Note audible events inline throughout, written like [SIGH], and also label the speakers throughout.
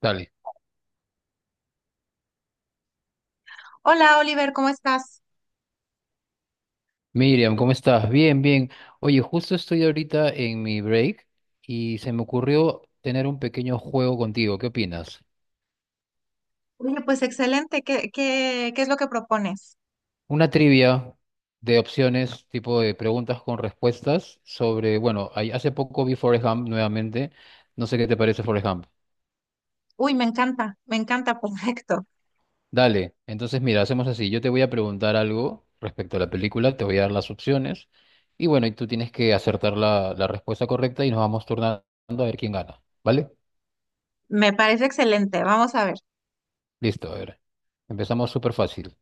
Speaker 1: Dale.
Speaker 2: Hola Oliver, ¿cómo estás?
Speaker 1: Miriam, ¿cómo estás? Bien, bien. Oye, justo estoy ahorita en mi break y se me ocurrió tener un pequeño juego contigo. ¿Qué opinas?
Speaker 2: Oye, pues excelente. ¿Qué es lo que propones?
Speaker 1: Una trivia de opciones, tipo de preguntas con respuestas sobre, bueno, hace poco vi Forrest Gump nuevamente. No sé qué te parece Forrest Gump.
Speaker 2: Uy, me encanta, [LAUGHS] perfecto.
Speaker 1: Dale, entonces mira, hacemos así. Yo te voy a preguntar algo respecto a la película, te voy a dar las opciones y bueno, y tú tienes que acertar la respuesta correcta y nos vamos turnando a ver quién gana. ¿Vale?
Speaker 2: Me parece excelente. Vamos a ver.
Speaker 1: Listo, a ver. Empezamos súper fácil.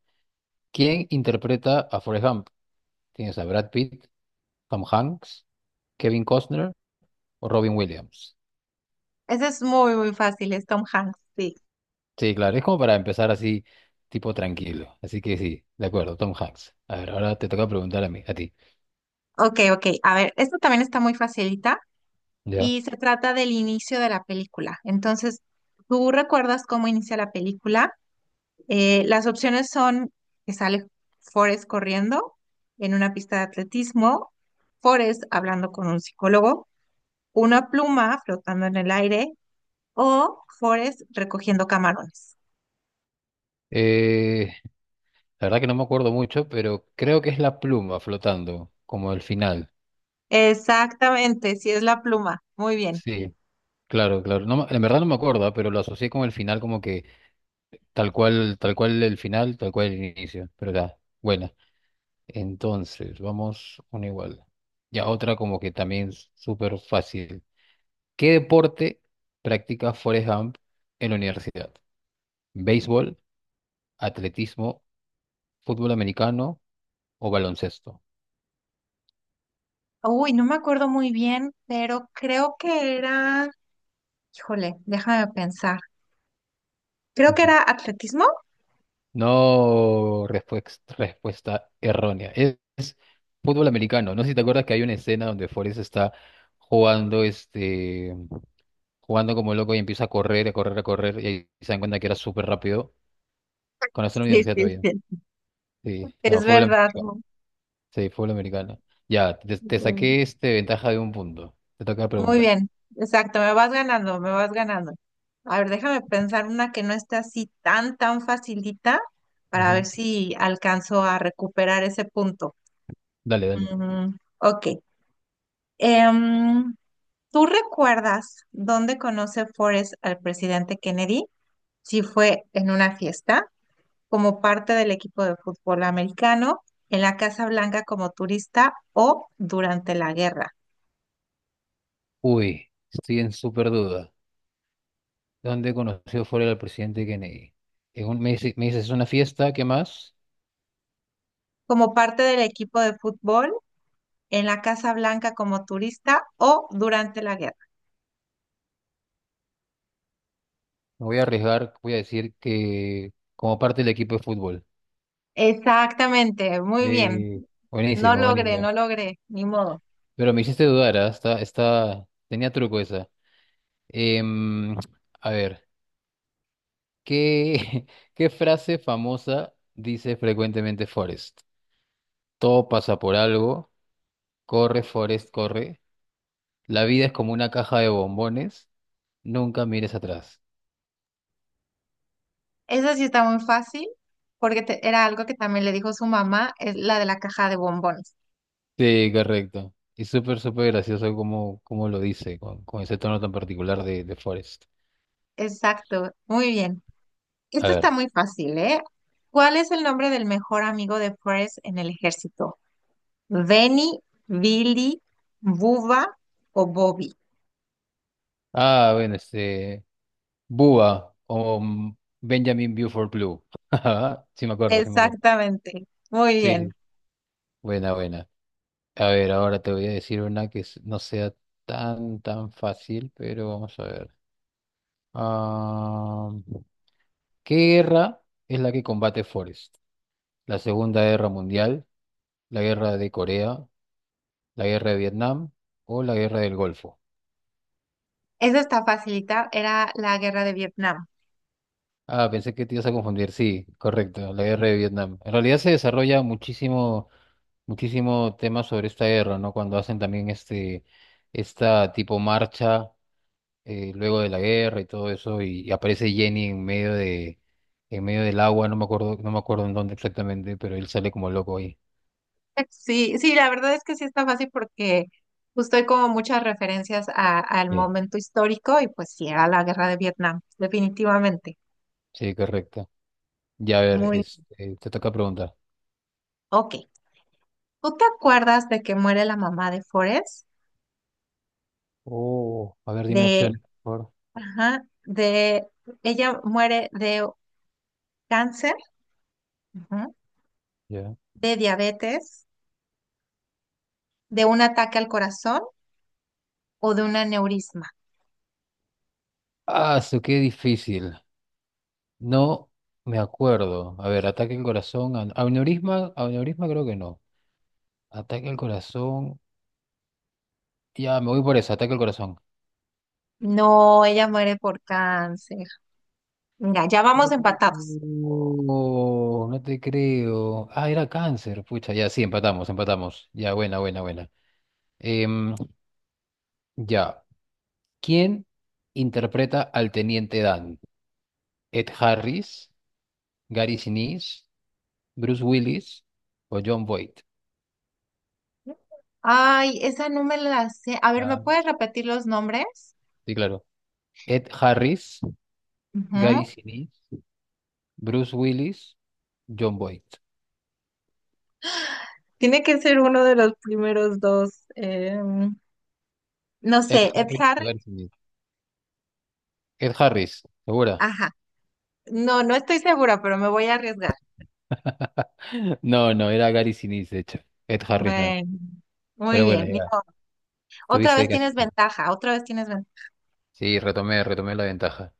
Speaker 1: ¿Quién interpreta a Forrest Gump? Tienes a Brad Pitt, Tom Hanks, Kevin Costner o Robin Williams.
Speaker 2: Este es muy, muy fácil, es Tom Hanks, sí.
Speaker 1: Sí, claro, es como para empezar así, tipo tranquilo. Así que sí, de acuerdo, Tom Hanks. A ver, ahora te toca preguntar a ti.
Speaker 2: Ok, ok. A ver, esto también está muy facilita
Speaker 1: Ya.
Speaker 2: y se trata del inicio de la película. Entonces, ¿tú recuerdas cómo inicia la película? Las opciones son que sale Forrest corriendo en una pista de atletismo, Forrest hablando con un psicólogo, una pluma flotando en el aire o Forrest recogiendo camarones.
Speaker 1: Eh, la verdad que no me acuerdo mucho, pero creo que es la pluma flotando, como el final.
Speaker 2: Exactamente, sí es la pluma. Muy bien.
Speaker 1: Sí, claro, claro. No, en verdad no me acuerdo, pero lo asocié con el final como que tal cual el final, tal cual el inicio. Pero ya, buena. Entonces, vamos una igual. Ya otra como que también súper fácil. ¿Qué deporte practica Forrest Gump en la universidad? ¿Béisbol, atletismo, fútbol americano o baloncesto?
Speaker 2: Uy, no me acuerdo muy bien, pero creo que era, híjole, déjame pensar. Creo que
Speaker 1: Ujú.
Speaker 2: era atletismo.
Speaker 1: No, respuesta errónea. Es fútbol americano. No sé si te acuerdas que hay una escena donde Forrest está jugando, jugando como loco y empieza a correr, a correr, a correr y ahí se dan cuenta que era súper rápido. Cuando está en la
Speaker 2: Sí,
Speaker 1: universidad
Speaker 2: sí,
Speaker 1: todavía.
Speaker 2: sí.
Speaker 1: Sí,
Speaker 2: Es
Speaker 1: no, fútbol
Speaker 2: verdad.
Speaker 1: americano.
Speaker 2: Mu-
Speaker 1: Sí, fútbol americano. Ya, te
Speaker 2: Muy bien.
Speaker 1: saqué este ventaja de un punto. Te toca
Speaker 2: Muy
Speaker 1: preguntar.
Speaker 2: bien. Exacto, me vas ganando, me vas ganando. A ver, déjame pensar una que no esté así tan, tan facilita para ver
Speaker 1: Ujú.
Speaker 2: si alcanzo a recuperar ese punto.
Speaker 1: Dale, dale.
Speaker 2: Mm, ok. Em, ¿Tú recuerdas dónde conoce Forrest al presidente Kennedy? Si fue en una fiesta, como parte del equipo de fútbol americano, en la Casa Blanca como turista o durante la guerra.
Speaker 1: Uy, estoy en súper duda. ¿Dónde conoció fuera al presidente Kennedy? En un, me dices, es una fiesta, ¿qué más?
Speaker 2: Como parte del equipo de fútbol, en la Casa Blanca como turista o durante la guerra.
Speaker 1: Me voy a arriesgar, voy a decir que como parte del equipo de fútbol.
Speaker 2: Exactamente, muy bien.
Speaker 1: De...
Speaker 2: No
Speaker 1: Buenísimo,
Speaker 2: logré,
Speaker 1: buenísimo.
Speaker 2: no logré, ni modo.
Speaker 1: Pero me hiciste dudar, ¿ah? Está, está... Tenía truco esa. Em, a ver. ¿Qué, [LAUGHS] qué frase famosa dice frecuentemente Forrest? Todo pasa por algo, corre Forrest, corre. La vida es como una caja de bombones, nunca mires atrás.
Speaker 2: Eso sí está muy fácil, porque te- era algo que también le dijo su mamá, es la de la caja de bombones.
Speaker 1: Sí, correcto. Y súper, súper gracioso como, como lo dice, con ese tono tan particular de Forrest.
Speaker 2: Exacto, muy bien.
Speaker 1: A
Speaker 2: Esto está
Speaker 1: ver.
Speaker 2: muy fácil, ¿eh? ¿Cuál es el nombre del mejor amigo de Forrest en el ejército? ¿Benny, Billy, Bubba o Bobby?
Speaker 1: Ah, bueno, este. Búa o Benjamin Buford Blue. [LAUGHS] Sí, me acuerdo, sí, me acuerdo.
Speaker 2: Exactamente, muy bien.
Speaker 1: Sí, buena, buena. A ver, ahora te voy a decir una que no sea tan, tan fácil, pero vamos a ver. Ah, ¿Qué guerra es la que combate Forrest? ¿La Segunda Guerra Mundial, la Guerra de Corea, la Guerra de Vietnam o la Guerra del Golfo?
Speaker 2: Esa está facilita, era la guerra de Vietnam. [LAUGHS]
Speaker 1: Ah, pensé que te ibas a confundir. Sí, correcto, la Guerra de Vietnam. En realidad se desarrolla muchísimo, muchísimo tema sobre esta guerra, ¿no? Cuando hacen también esta tipo marcha, luego de la guerra y todo eso, y aparece Jenny en medio de, en medio del agua, no me acuerdo, no me acuerdo en dónde exactamente, pero él sale como loco ahí.
Speaker 2: Sí, sí, la verdad es que sí está fácil porque justo hay como muchas referencias a- al
Speaker 1: Sí,
Speaker 2: momento histórico y pues sí, era la guerra de Vietnam, definitivamente.
Speaker 1: sí, correcto. Ya, a ver,
Speaker 2: Muy,
Speaker 1: este, te toca preguntar.
Speaker 2: ok. ¿Tú te acuerdas de que muere la mamá de Forrest?
Speaker 1: Oh, a ver, dime
Speaker 2: De,
Speaker 1: opciones, por favor.
Speaker 2: ajá, de, ella muere de cáncer, ajá,
Speaker 1: Ya.
Speaker 2: de diabetes, de un ataque al corazón o de un aneurisma.
Speaker 1: Ah, eso qué difícil. No me acuerdo. A ver, ataque al corazón, aneurisma, aneurisma creo que no. Ataque al corazón. Ya, me voy por eso, ataque al corazón.
Speaker 2: No, ella muere por cáncer. Mira, ya vamos empatados.
Speaker 1: No, no te creo. Ah, era cáncer. Pucha, ya, sí, empatamos, empatamos. Ya, buena, buena, buena. Em, ya. ¿Quién interpreta al teniente Dan? ¿Ed Harris, Gary Sinise, Bruce Willis o John Boyd?
Speaker 2: Ay, esa no me la sé. A ver, ¿me
Speaker 1: Ah,
Speaker 2: puedes repetir los nombres?
Speaker 1: sí, claro. Ed Harris, Gary
Speaker 2: Ujú.
Speaker 1: Sinise, Bruce Willis, John Boyd.
Speaker 2: Tiene que ser uno de los primeros dos. No
Speaker 1: Ed
Speaker 2: sé, Ed
Speaker 1: Harris o
Speaker 2: Harris.
Speaker 1: Gary Sinise. Ed Harris, ¿segura?
Speaker 2: Ajá. No, no estoy segura, pero me voy a arriesgar.
Speaker 1: [LAUGHS] No, no, era Gary Sinise, de hecho. Ed Harris no.
Speaker 2: Bueno, muy
Speaker 1: Pero bueno,
Speaker 2: bien.
Speaker 1: ya.
Speaker 2: Otra
Speaker 1: Tuviste
Speaker 2: vez
Speaker 1: que
Speaker 2: tienes
Speaker 1: hacer.
Speaker 2: ventaja, otra vez tienes ventaja.
Speaker 1: Sí, retomé, retomé la ventaja.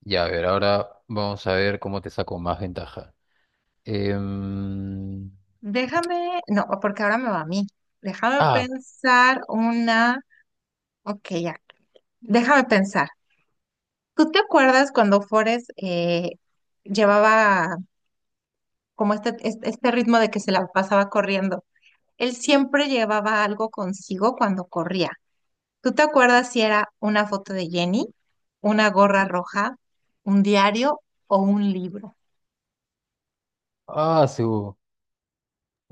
Speaker 1: Ya, a ver, ahora vamos a ver cómo te saco más ventaja. Em,
Speaker 2: Déjame, no, porque ahora me va a mí. Déjame
Speaker 1: ah,
Speaker 2: pensar una. Ok, ya. Déjame pensar. ¿Tú te acuerdas cuando Forrest llevaba como este ritmo de que se la pasaba corriendo? Él siempre llevaba algo consigo cuando corría. ¿Tú te acuerdas si era una foto de Jenny, una gorra roja, un diario o un libro?
Speaker 1: sí, hubo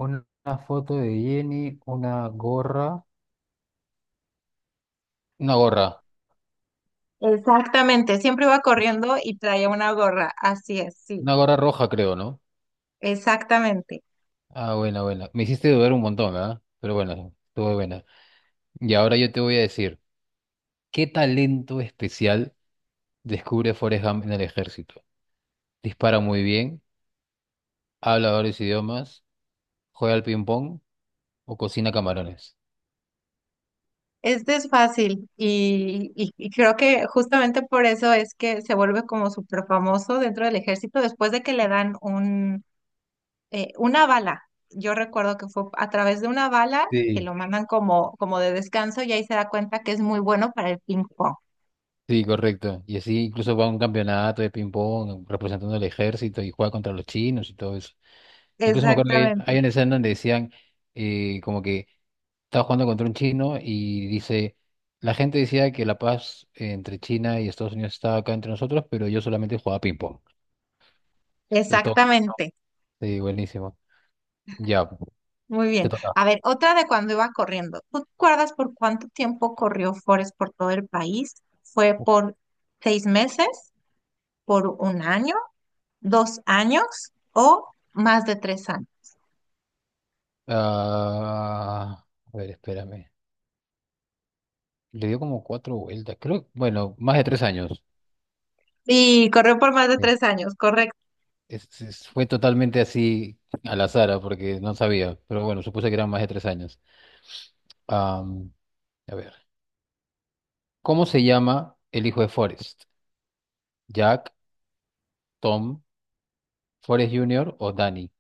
Speaker 1: una foto de Jenny, una gorra. Una gorra,
Speaker 2: Exactamente, siempre iba corriendo y traía una gorra, así es, sí.
Speaker 1: una gorra roja, creo, ¿no?
Speaker 2: Exactamente.
Speaker 1: Ah, buena, buena. Me hiciste dudar un montón, ¿verdad? Pero bueno, estuvo buena. Y ahora yo te voy a decir, ¿qué talento especial descubre Forrest Gump en el ejército? ¿Dispara muy bien? ¿Habla varios idiomas? ¿Juega al ping-pong? ¿O cocina camarones?
Speaker 2: Este es fácil y creo que justamente por eso es que se vuelve como súper famoso dentro del ejército después de que le dan una bala. Yo recuerdo que fue a través de una bala que
Speaker 1: Sí,
Speaker 2: lo mandan como, como de descanso y ahí se da cuenta que es muy bueno para el ping pong.
Speaker 1: sí, correcto. Y así incluso va a un campeonato de ping-pong representando al ejército y juega contra los chinos y todo eso. Incluso me acuerdo que
Speaker 2: Exactamente.
Speaker 1: hay una escena donde decían como que estaba jugando contra un chino y dice, la gente decía que la paz entre China y Estados Unidos estaba acá entre nosotros, pero yo solamente jugaba ping-pong. De todo.
Speaker 2: Exactamente.
Speaker 1: Sí, buenísimo. Ya,
Speaker 2: Muy
Speaker 1: te
Speaker 2: bien.
Speaker 1: toca.
Speaker 2: A ver, otra de cuando iba corriendo. ¿Tú te acuerdas por cuánto tiempo corrió Forrest por todo el país? ¿Fue
Speaker 1: Uf.
Speaker 2: por 6 meses, por 1 año, 2 años o más de 3 años?
Speaker 1: Ah, a ver, espérame. Le dio como cuatro vueltas, creo, bueno, más de 3 años.
Speaker 2: Sí, corrió por más de
Speaker 1: Sí.
Speaker 2: 3 años, correcto.
Speaker 1: Fue totalmente así a la azar, porque no sabía, pero bueno, supuse que eran más de 3 años. Am, a ver, ¿cómo se llama el hijo de Forrest? ¿Jack, Tom, Forrest Jr. o Danny?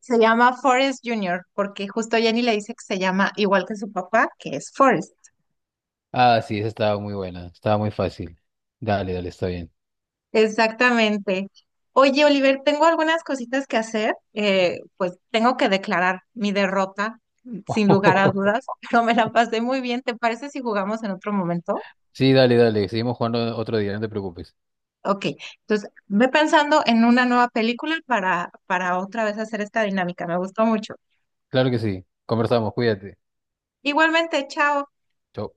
Speaker 2: Se llama Forrest Junior porque justo Jenny le dice que se llama igual que su papá, que es Forrest.
Speaker 1: Ah, sí, esa estaba muy buena, estaba muy fácil. Dale, dale, está bien.
Speaker 2: Exactamente. Oye, Oliver, tengo algunas cositas que hacer. Pues tengo que declarar mi derrota, sin lugar a
Speaker 1: [LAUGHS]
Speaker 2: dudas, [LAUGHS] pero me la pasé muy bien. ¿Te parece si jugamos en otro momento?
Speaker 1: Sí, dale, dale, seguimos jugando otro día, no te preocupes.
Speaker 2: Ok, entonces ve pensando en una nueva película para otra vez hacer esta dinámica. Me gustó mucho.
Speaker 1: Claro que sí, conversamos, cuídate.
Speaker 2: Igualmente, chao.
Speaker 1: Chau.